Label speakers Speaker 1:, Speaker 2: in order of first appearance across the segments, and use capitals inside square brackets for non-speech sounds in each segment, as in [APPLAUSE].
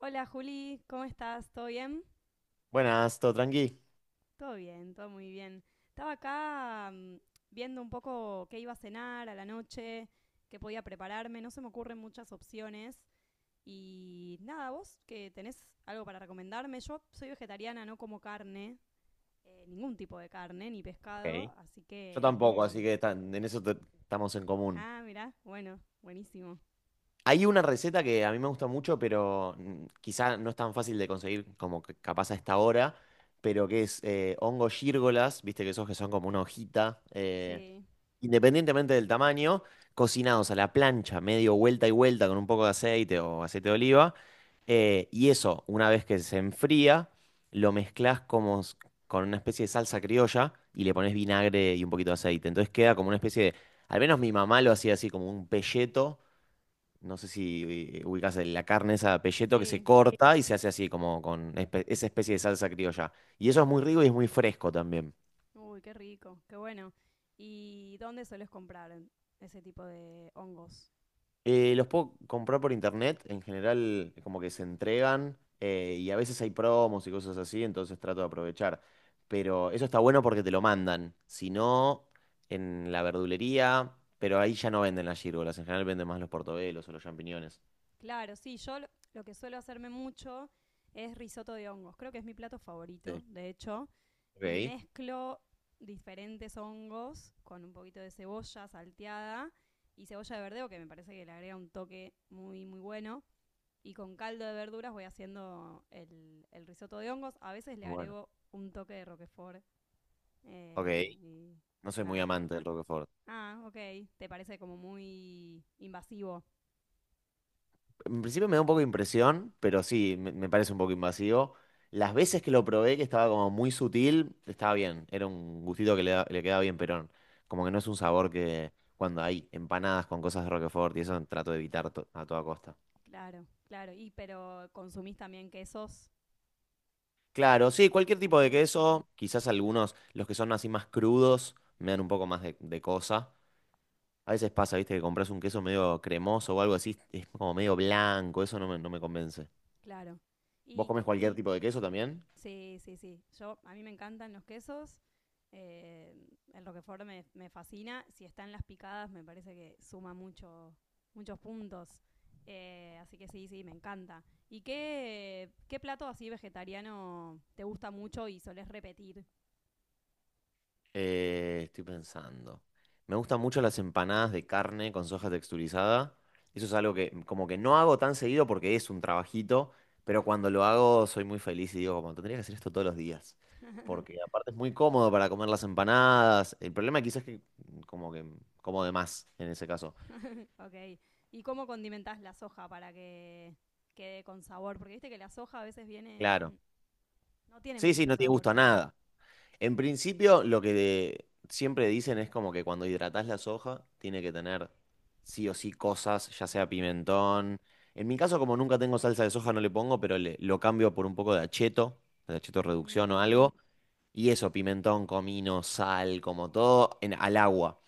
Speaker 1: Hola, Juli, ¿cómo estás? ¿Todo bien?
Speaker 2: Buenas, ¿todo tranqui?
Speaker 1: Todo bien, todo muy bien. Estaba acá viendo un poco qué iba a cenar a la noche, qué podía prepararme, no se me ocurren muchas opciones. Y nada, vos que tenés algo para recomendarme, yo soy vegetariana, no como carne, ningún tipo de carne, ni
Speaker 2: Ok.
Speaker 1: pescado, así
Speaker 2: Yo
Speaker 1: que...
Speaker 2: tampoco, así que en eso estamos en común.
Speaker 1: Ah, mirá, bueno, buenísimo.
Speaker 2: Hay una receta que a mí me gusta mucho, pero quizá no es tan fácil de conseguir como que capaz a esta hora, pero que es hongos gírgolas, viste, que esos que son como una hojita.
Speaker 1: Sí,
Speaker 2: Independientemente del tamaño, cocinados a la plancha, medio vuelta y vuelta con un poco de aceite o aceite de oliva. Y eso, una vez que se enfría, lo mezclas con una especie de salsa criolla y le pones vinagre y un poquito de aceite. Entonces queda como una especie de, al menos mi mamá lo hacía así, como un pelleto. No sé si ubicas la carne esa, pelleto, que se
Speaker 1: sí,
Speaker 2: corta y se hace así como con esa especie de salsa criolla. Y eso es muy rico y es muy fresco también.
Speaker 1: uy, qué rico, qué bueno. ¿Y dónde sueles comprar ese tipo de hongos?
Speaker 2: Los puedo comprar por internet, en general como que se entregan, y a veces hay promos y cosas así, entonces trato de aprovechar. Pero eso está bueno porque te lo mandan, si no, en la verdulería, pero ahí ya no venden las gírgolas, en general venden más los portobelos o los champiñones.
Speaker 1: Claro, sí, yo lo que suelo hacerme mucho es risotto de hongos. Creo que es mi plato favorito,
Speaker 2: Sí.
Speaker 1: de hecho. Y
Speaker 2: Ok,
Speaker 1: mezclo diferentes hongos con un poquito de cebolla salteada y cebolla de verdeo, que me parece que le agrega un toque muy, muy bueno. Y con caldo de verduras voy haciendo el risotto de hongos. A veces le
Speaker 2: bueno,
Speaker 1: agrego un toque de roquefort
Speaker 2: ok,
Speaker 1: y
Speaker 2: no soy muy
Speaker 1: nada.
Speaker 2: amante del Roquefort.
Speaker 1: Ah, ok. Te parece como muy invasivo.
Speaker 2: En principio me da un poco de impresión, pero sí, me parece un poco invasivo. Las veces que lo probé, que estaba como muy sutil, estaba bien. Era un gustito que le, le quedaba bien, pero como que no es un sabor. Que cuando hay empanadas con cosas de Roquefort y eso, trato de evitar a toda costa.
Speaker 1: Claro, claro. ¿Y pero consumís también quesos
Speaker 2: Claro, sí, cualquier tipo de
Speaker 1: comunes?
Speaker 2: queso, quizás algunos, los que son así más crudos, me dan un poco más de cosa. A veces pasa, viste, que compras un queso medio cremoso o algo así, es como medio blanco, eso no me, no me convence.
Speaker 1: Claro.
Speaker 2: ¿Vos
Speaker 1: Y
Speaker 2: comés cualquier tipo de queso también?
Speaker 1: sí, sí, sí. Yo a mí me encantan los quesos. Eh, el Roquefort me fascina. Si están las picadas, me parece que suma mucho, muchos puntos. Así que sí, sí, me encanta. ¿Y qué, qué plato así vegetariano te gusta mucho y solés repetir?
Speaker 2: Estoy pensando. Me gustan mucho las empanadas de carne con soja texturizada. Eso es algo que como que no hago tan seguido porque es un trabajito, pero cuando lo hago soy muy feliz y digo, como tendría que hacer esto todos los días. Porque
Speaker 1: [LAUGHS]
Speaker 2: aparte es muy cómodo para comer las empanadas. El problema quizás es que como de más en ese caso.
Speaker 1: Ok. ¿Y cómo condimentás la soja para que quede con sabor? Porque viste que la soja a veces viene mm,
Speaker 2: Claro.
Speaker 1: no tiene
Speaker 2: Sí, sí,
Speaker 1: mucho
Speaker 2: no tiene gusto
Speaker 1: sabor.
Speaker 2: a nada. En principio, lo que siempre dicen es como que cuando hidratás la soja, tiene que tener sí o sí cosas, ya sea pimentón. En mi caso, como nunca tengo salsa de soja, no le pongo, pero lo cambio por un poco de acheto reducción o
Speaker 1: Mm,
Speaker 2: algo. Y eso, pimentón, comino, sal, como todo, en, al agua.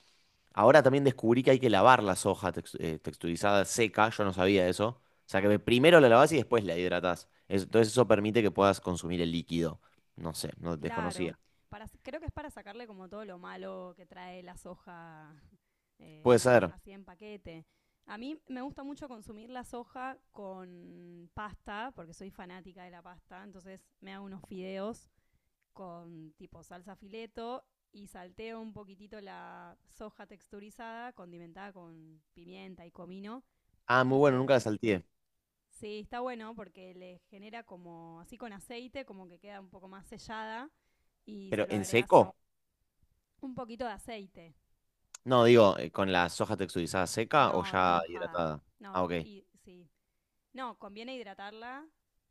Speaker 2: Ahora también descubrí que hay que lavar la soja texturizada seca, yo no sabía eso. O sea que primero la lavás y después la hidratás. Entonces eso permite que puedas consumir el líquido. No sé, no
Speaker 1: claro.
Speaker 2: desconocía.
Speaker 1: Para, creo que es para sacarle como todo lo malo que trae la soja,
Speaker 2: Puede ser.
Speaker 1: así en paquete. A mí me gusta mucho consumir la soja con pasta, porque soy fanática de la pasta, entonces me hago unos fideos con tipo salsa fileto y salteo un poquitito la soja texturizada, condimentada con pimienta y comino,
Speaker 2: Ah, muy
Speaker 1: y
Speaker 2: bueno,
Speaker 1: se...
Speaker 2: nunca la salteé.
Speaker 1: Sí, está bueno porque le genera como así con aceite, como que queda un poco más sellada y se
Speaker 2: ¿Pero
Speaker 1: lo
Speaker 2: en
Speaker 1: agregas
Speaker 2: seco?
Speaker 1: un poquito de aceite.
Speaker 2: No, digo, ¿con la soja texturizada seca o
Speaker 1: No,
Speaker 2: ya
Speaker 1: remojada.
Speaker 2: hidratada?
Speaker 1: No,
Speaker 2: Ah, ok,
Speaker 1: y sí. No, conviene hidratarla,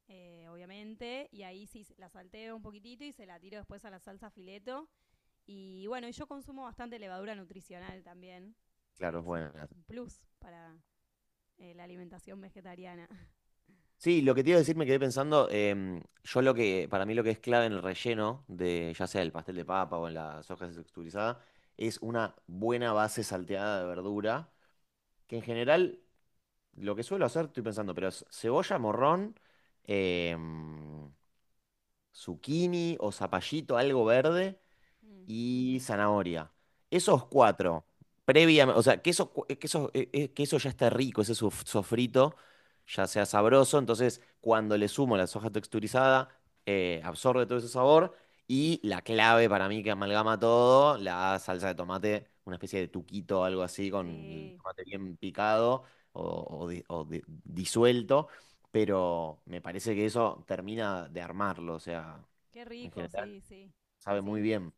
Speaker 1: obviamente, y ahí sí la salteo un poquitito y se la tiro después a la salsa fileto. Y bueno, y yo consumo bastante levadura nutricional también,
Speaker 2: claro,
Speaker 1: que
Speaker 2: es
Speaker 1: es un
Speaker 2: buena.
Speaker 1: plus para la alimentación vegetariana. [LAUGHS]
Speaker 2: Sí, lo que te iba a decir, me quedé pensando, yo lo que, para mí lo que es clave en el relleno de, ya sea el pastel de papa o en la soja texturizada, es una buena base salteada de verdura, que en general, lo que suelo hacer, estoy pensando, pero es cebolla, morrón, em, zucchini o zapallito, algo verde
Speaker 1: Mm.
Speaker 2: y zanahoria. Esos cuatro, previamente, o sea, que eso, que eso, que eso ya está rico, ese sofrito ya sea sabroso, entonces cuando le sumo la soja texturizada, absorbe todo ese sabor. Y la clave para mí que amalgama todo, la salsa de tomate, una especie de tuquito o algo así, con el
Speaker 1: Sí,
Speaker 2: tomate bien picado o, disuelto, pero me parece que eso termina de armarlo, o sea,
Speaker 1: qué
Speaker 2: en
Speaker 1: rico,
Speaker 2: general
Speaker 1: sí, sí.
Speaker 2: sabe muy
Speaker 1: Sí,
Speaker 2: bien.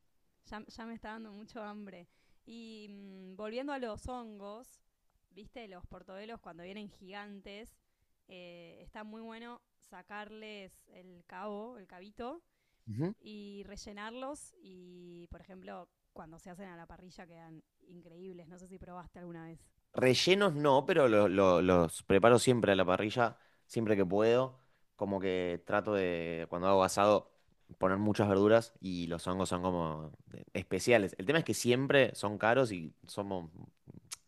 Speaker 1: ya, ya me está dando mucho hambre. Y volviendo a los hongos, viste, los portobelos cuando vienen gigantes, está muy bueno sacarles el cabo, el cabito,
Speaker 2: Ujú.
Speaker 1: y rellenarlos. Y, por ejemplo, cuando se hacen a la parrilla quedan increíbles. No sé si probaste alguna vez.
Speaker 2: Rellenos no, pero los preparo siempre a la parrilla, siempre que puedo. Como que trato de, cuando hago asado, poner muchas verduras, y los hongos son como especiales. El tema es que siempre son caros y somos,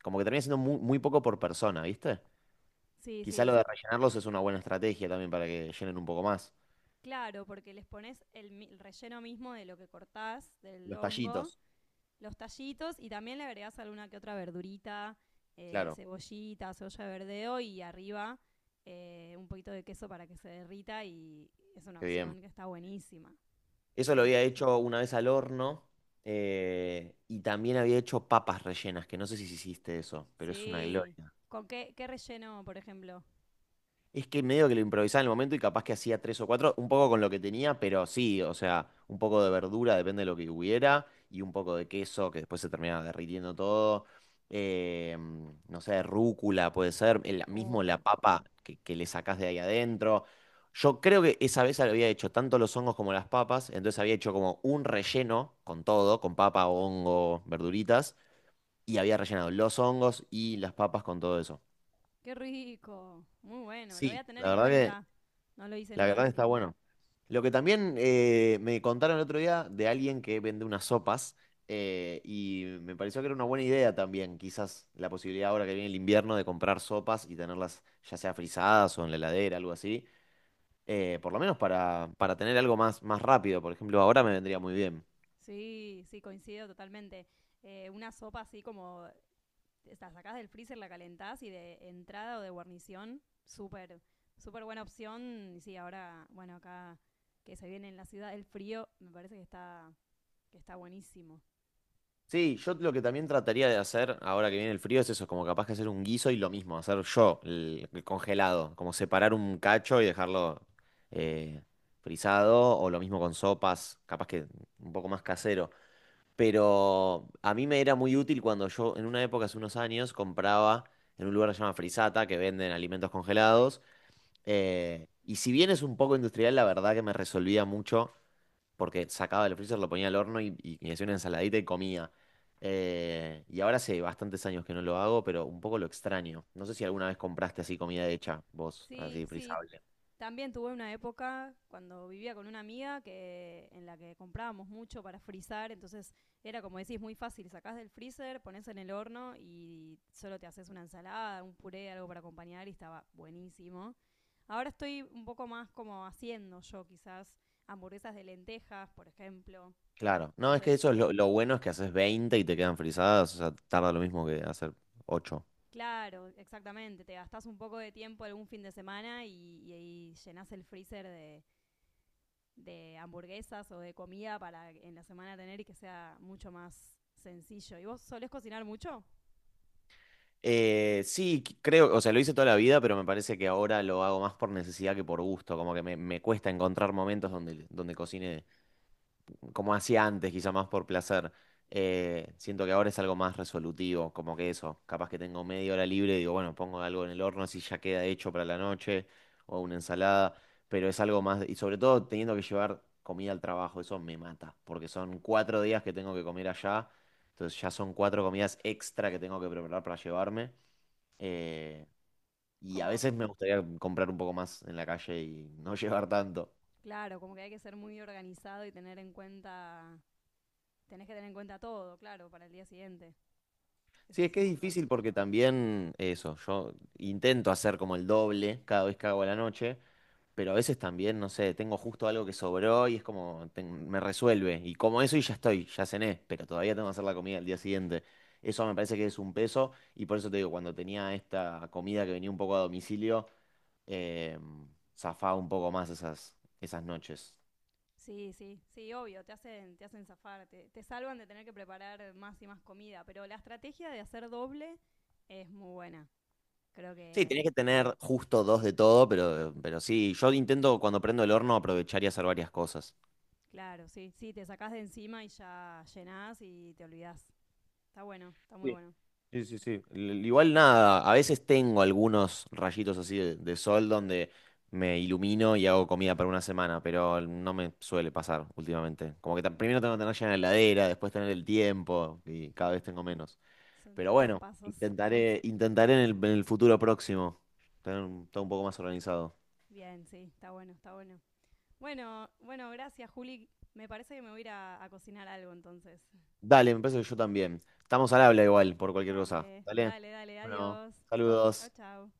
Speaker 2: como que termina siendo muy, muy poco por persona, ¿viste?
Speaker 1: Sí,
Speaker 2: Quizá lo
Speaker 1: sí.
Speaker 2: de rellenarlos es una buena estrategia también para que llenen un poco más.
Speaker 1: Claro, porque les pones el relleno mismo de lo que cortás, del
Speaker 2: Los
Speaker 1: hongo,
Speaker 2: tallitos,
Speaker 1: los tallitos y también le agregás alguna que otra verdurita,
Speaker 2: claro,
Speaker 1: cebollita, cebolla de verdeo y arriba un poquito de queso para que se derrita y es una
Speaker 2: qué bien.
Speaker 1: opción que está buenísima.
Speaker 2: Eso lo
Speaker 1: Sí,
Speaker 2: había hecho una vez al horno, y también había hecho papas rellenas, que no sé si hiciste eso, pero es una
Speaker 1: sí.
Speaker 2: gloria.
Speaker 1: ¿Con qué, qué relleno, por ejemplo?
Speaker 2: Es que medio que lo improvisaba en el momento y capaz que hacía tres o cuatro, un poco con lo que tenía, pero sí, o sea, un poco de verdura, depende de lo que hubiera, y un poco de queso, que después se terminaba derritiendo todo. eh, no sé, rúcula puede ser, el, mismo
Speaker 1: Oh,
Speaker 2: la papa que le sacás de ahí adentro. Yo creo que esa vez había hecho tanto los hongos como las papas, entonces había hecho como un relleno con todo, con papa, hongo, verduritas, y había rellenado los hongos y las papas con todo eso.
Speaker 1: qué rico. Muy bueno, lo voy
Speaker 2: Sí,
Speaker 1: a tener
Speaker 2: la
Speaker 1: en
Speaker 2: verdad.
Speaker 1: cuenta. No lo hice
Speaker 2: La
Speaker 1: nunca
Speaker 2: verdad
Speaker 1: así.
Speaker 2: está bueno. Lo que también me contaron el otro día de alguien que vende unas sopas, y me pareció que era una buena idea también, quizás la posibilidad ahora que viene el invierno de comprar sopas y tenerlas ya sea frisadas o en la heladera, algo así, por lo menos para tener algo más, más rápido, por ejemplo, ahora me vendría muy bien.
Speaker 1: Sí, sí, coincido totalmente. Una sopa así como la sacás del freezer, la calentás y de entrada o de guarnición, súper, súper buena opción. Y sí, ahora, bueno, acá que se viene en la ciudad el frío, me parece que está buenísimo.
Speaker 2: Sí, yo lo que también trataría de hacer ahora que viene el frío es eso, como capaz que hacer un guiso y lo mismo, hacer yo el congelado, como separar un cacho y dejarlo eh, frisado, o lo mismo con sopas, capaz que un poco más casero. Pero a mí me era muy útil cuando yo, en una época, hace unos años, compraba en un lugar que se llama Frisata, que venden alimentos congelados. Y si bien es un poco industrial, la verdad que me resolvía mucho porque sacaba del freezer, lo ponía al horno y me hacía una ensaladita y comía. Y ahora hace bastantes años que no lo hago, pero un poco lo extraño. No sé si alguna vez compraste así comida hecha, vos,
Speaker 1: Sí,
Speaker 2: así
Speaker 1: sí.
Speaker 2: frizable.
Speaker 1: También tuve una época cuando vivía con una amiga que en la que comprábamos mucho para frizar, entonces era como decís, muy fácil, sacás del freezer, pones en el horno y solo te haces una ensalada, un puré, algo para acompañar y estaba buenísimo. Ahora estoy un poco más como haciendo yo quizás hamburguesas de lentejas, por ejemplo.
Speaker 2: Claro, no, es que
Speaker 1: Entonces,
Speaker 2: eso es lo bueno es que haces 20 y te quedan frizadas, o sea, tarda lo mismo que hacer 8.
Speaker 1: claro, exactamente, te gastás un poco de tiempo algún fin de semana y llenás el freezer de hamburguesas o de comida para en la semana tener y que sea mucho más sencillo. ¿Y vos solés cocinar mucho?
Speaker 2: Sí, creo, o sea, lo hice toda la vida, pero me parece que ahora lo hago más por necesidad que por gusto, como que me cuesta encontrar momentos donde, donde cocine como hacía antes, quizá más por placer. Siento que ahora es algo más resolutivo, como que eso, capaz que tengo media hora libre y digo, bueno, pongo algo en el horno si ya queda hecho para la noche, o una ensalada, pero es algo más, y sobre todo teniendo que llevar comida al trabajo, eso me mata, porque son cuatro días que tengo que comer allá, entonces ya son cuatro comidas extra que tengo que preparar para llevarme, eh, y a
Speaker 1: Como...
Speaker 2: veces me gustaría comprar un poco más en la calle y no [LAUGHS] llevar tanto.
Speaker 1: Claro, como que hay que ser muy organizado y tener en cuenta, tenés que tener en cuenta todo, claro, para el día siguiente.
Speaker 2: Sí,
Speaker 1: Ese
Speaker 2: es
Speaker 1: es
Speaker 2: que
Speaker 1: un
Speaker 2: es
Speaker 1: montón.
Speaker 2: difícil porque también eso, yo intento hacer como el doble cada vez que hago a la noche, pero a veces también, no sé, tengo justo algo que sobró y es como me resuelve. Y como eso y ya estoy, ya cené, pero todavía tengo que hacer la comida al día siguiente. Eso me parece que es un peso y por eso te digo, cuando tenía esta comida que venía un poco a domicilio, eh, zafaba un poco más esas, esas noches.
Speaker 1: Sí, sí, sí, obvio, te hacen zafar, te salvan de tener que preparar más y más comida, pero la estrategia de hacer doble es muy buena. Creo
Speaker 2: Sí,
Speaker 1: que,
Speaker 2: tenés que tener justo dos de todo, pero sí, yo intento cuando prendo el horno aprovechar y hacer varias cosas.
Speaker 1: claro, sí, sí, te sacás de encima y ya llenás y te olvidás. Está bueno, está muy bueno.
Speaker 2: Sí, sí, sí. Igual nada, a veces tengo algunos rayitos así de sol donde me ilumino y hago comida para una semana, pero no me suele pasar últimamente. Como que primero tengo que tener llena la heladera, después tener el tiempo y cada vez tengo menos.
Speaker 1: Son
Speaker 2: Pero
Speaker 1: muchos
Speaker 2: bueno,
Speaker 1: pasos.
Speaker 2: intentaré, intentaré en el futuro próximo tener todo un poco más organizado.
Speaker 1: Bien, sí, está bueno, está bueno. Bueno, bueno, gracias, Juli. Me parece que me voy a ir a cocinar algo entonces.
Speaker 2: Dale, me parece que yo también. Estamos al habla igual por cualquier cosa.
Speaker 1: Dale,
Speaker 2: Dale.
Speaker 1: dale, dale,
Speaker 2: Bueno,
Speaker 1: adiós. Chao,
Speaker 2: saludos.
Speaker 1: chao.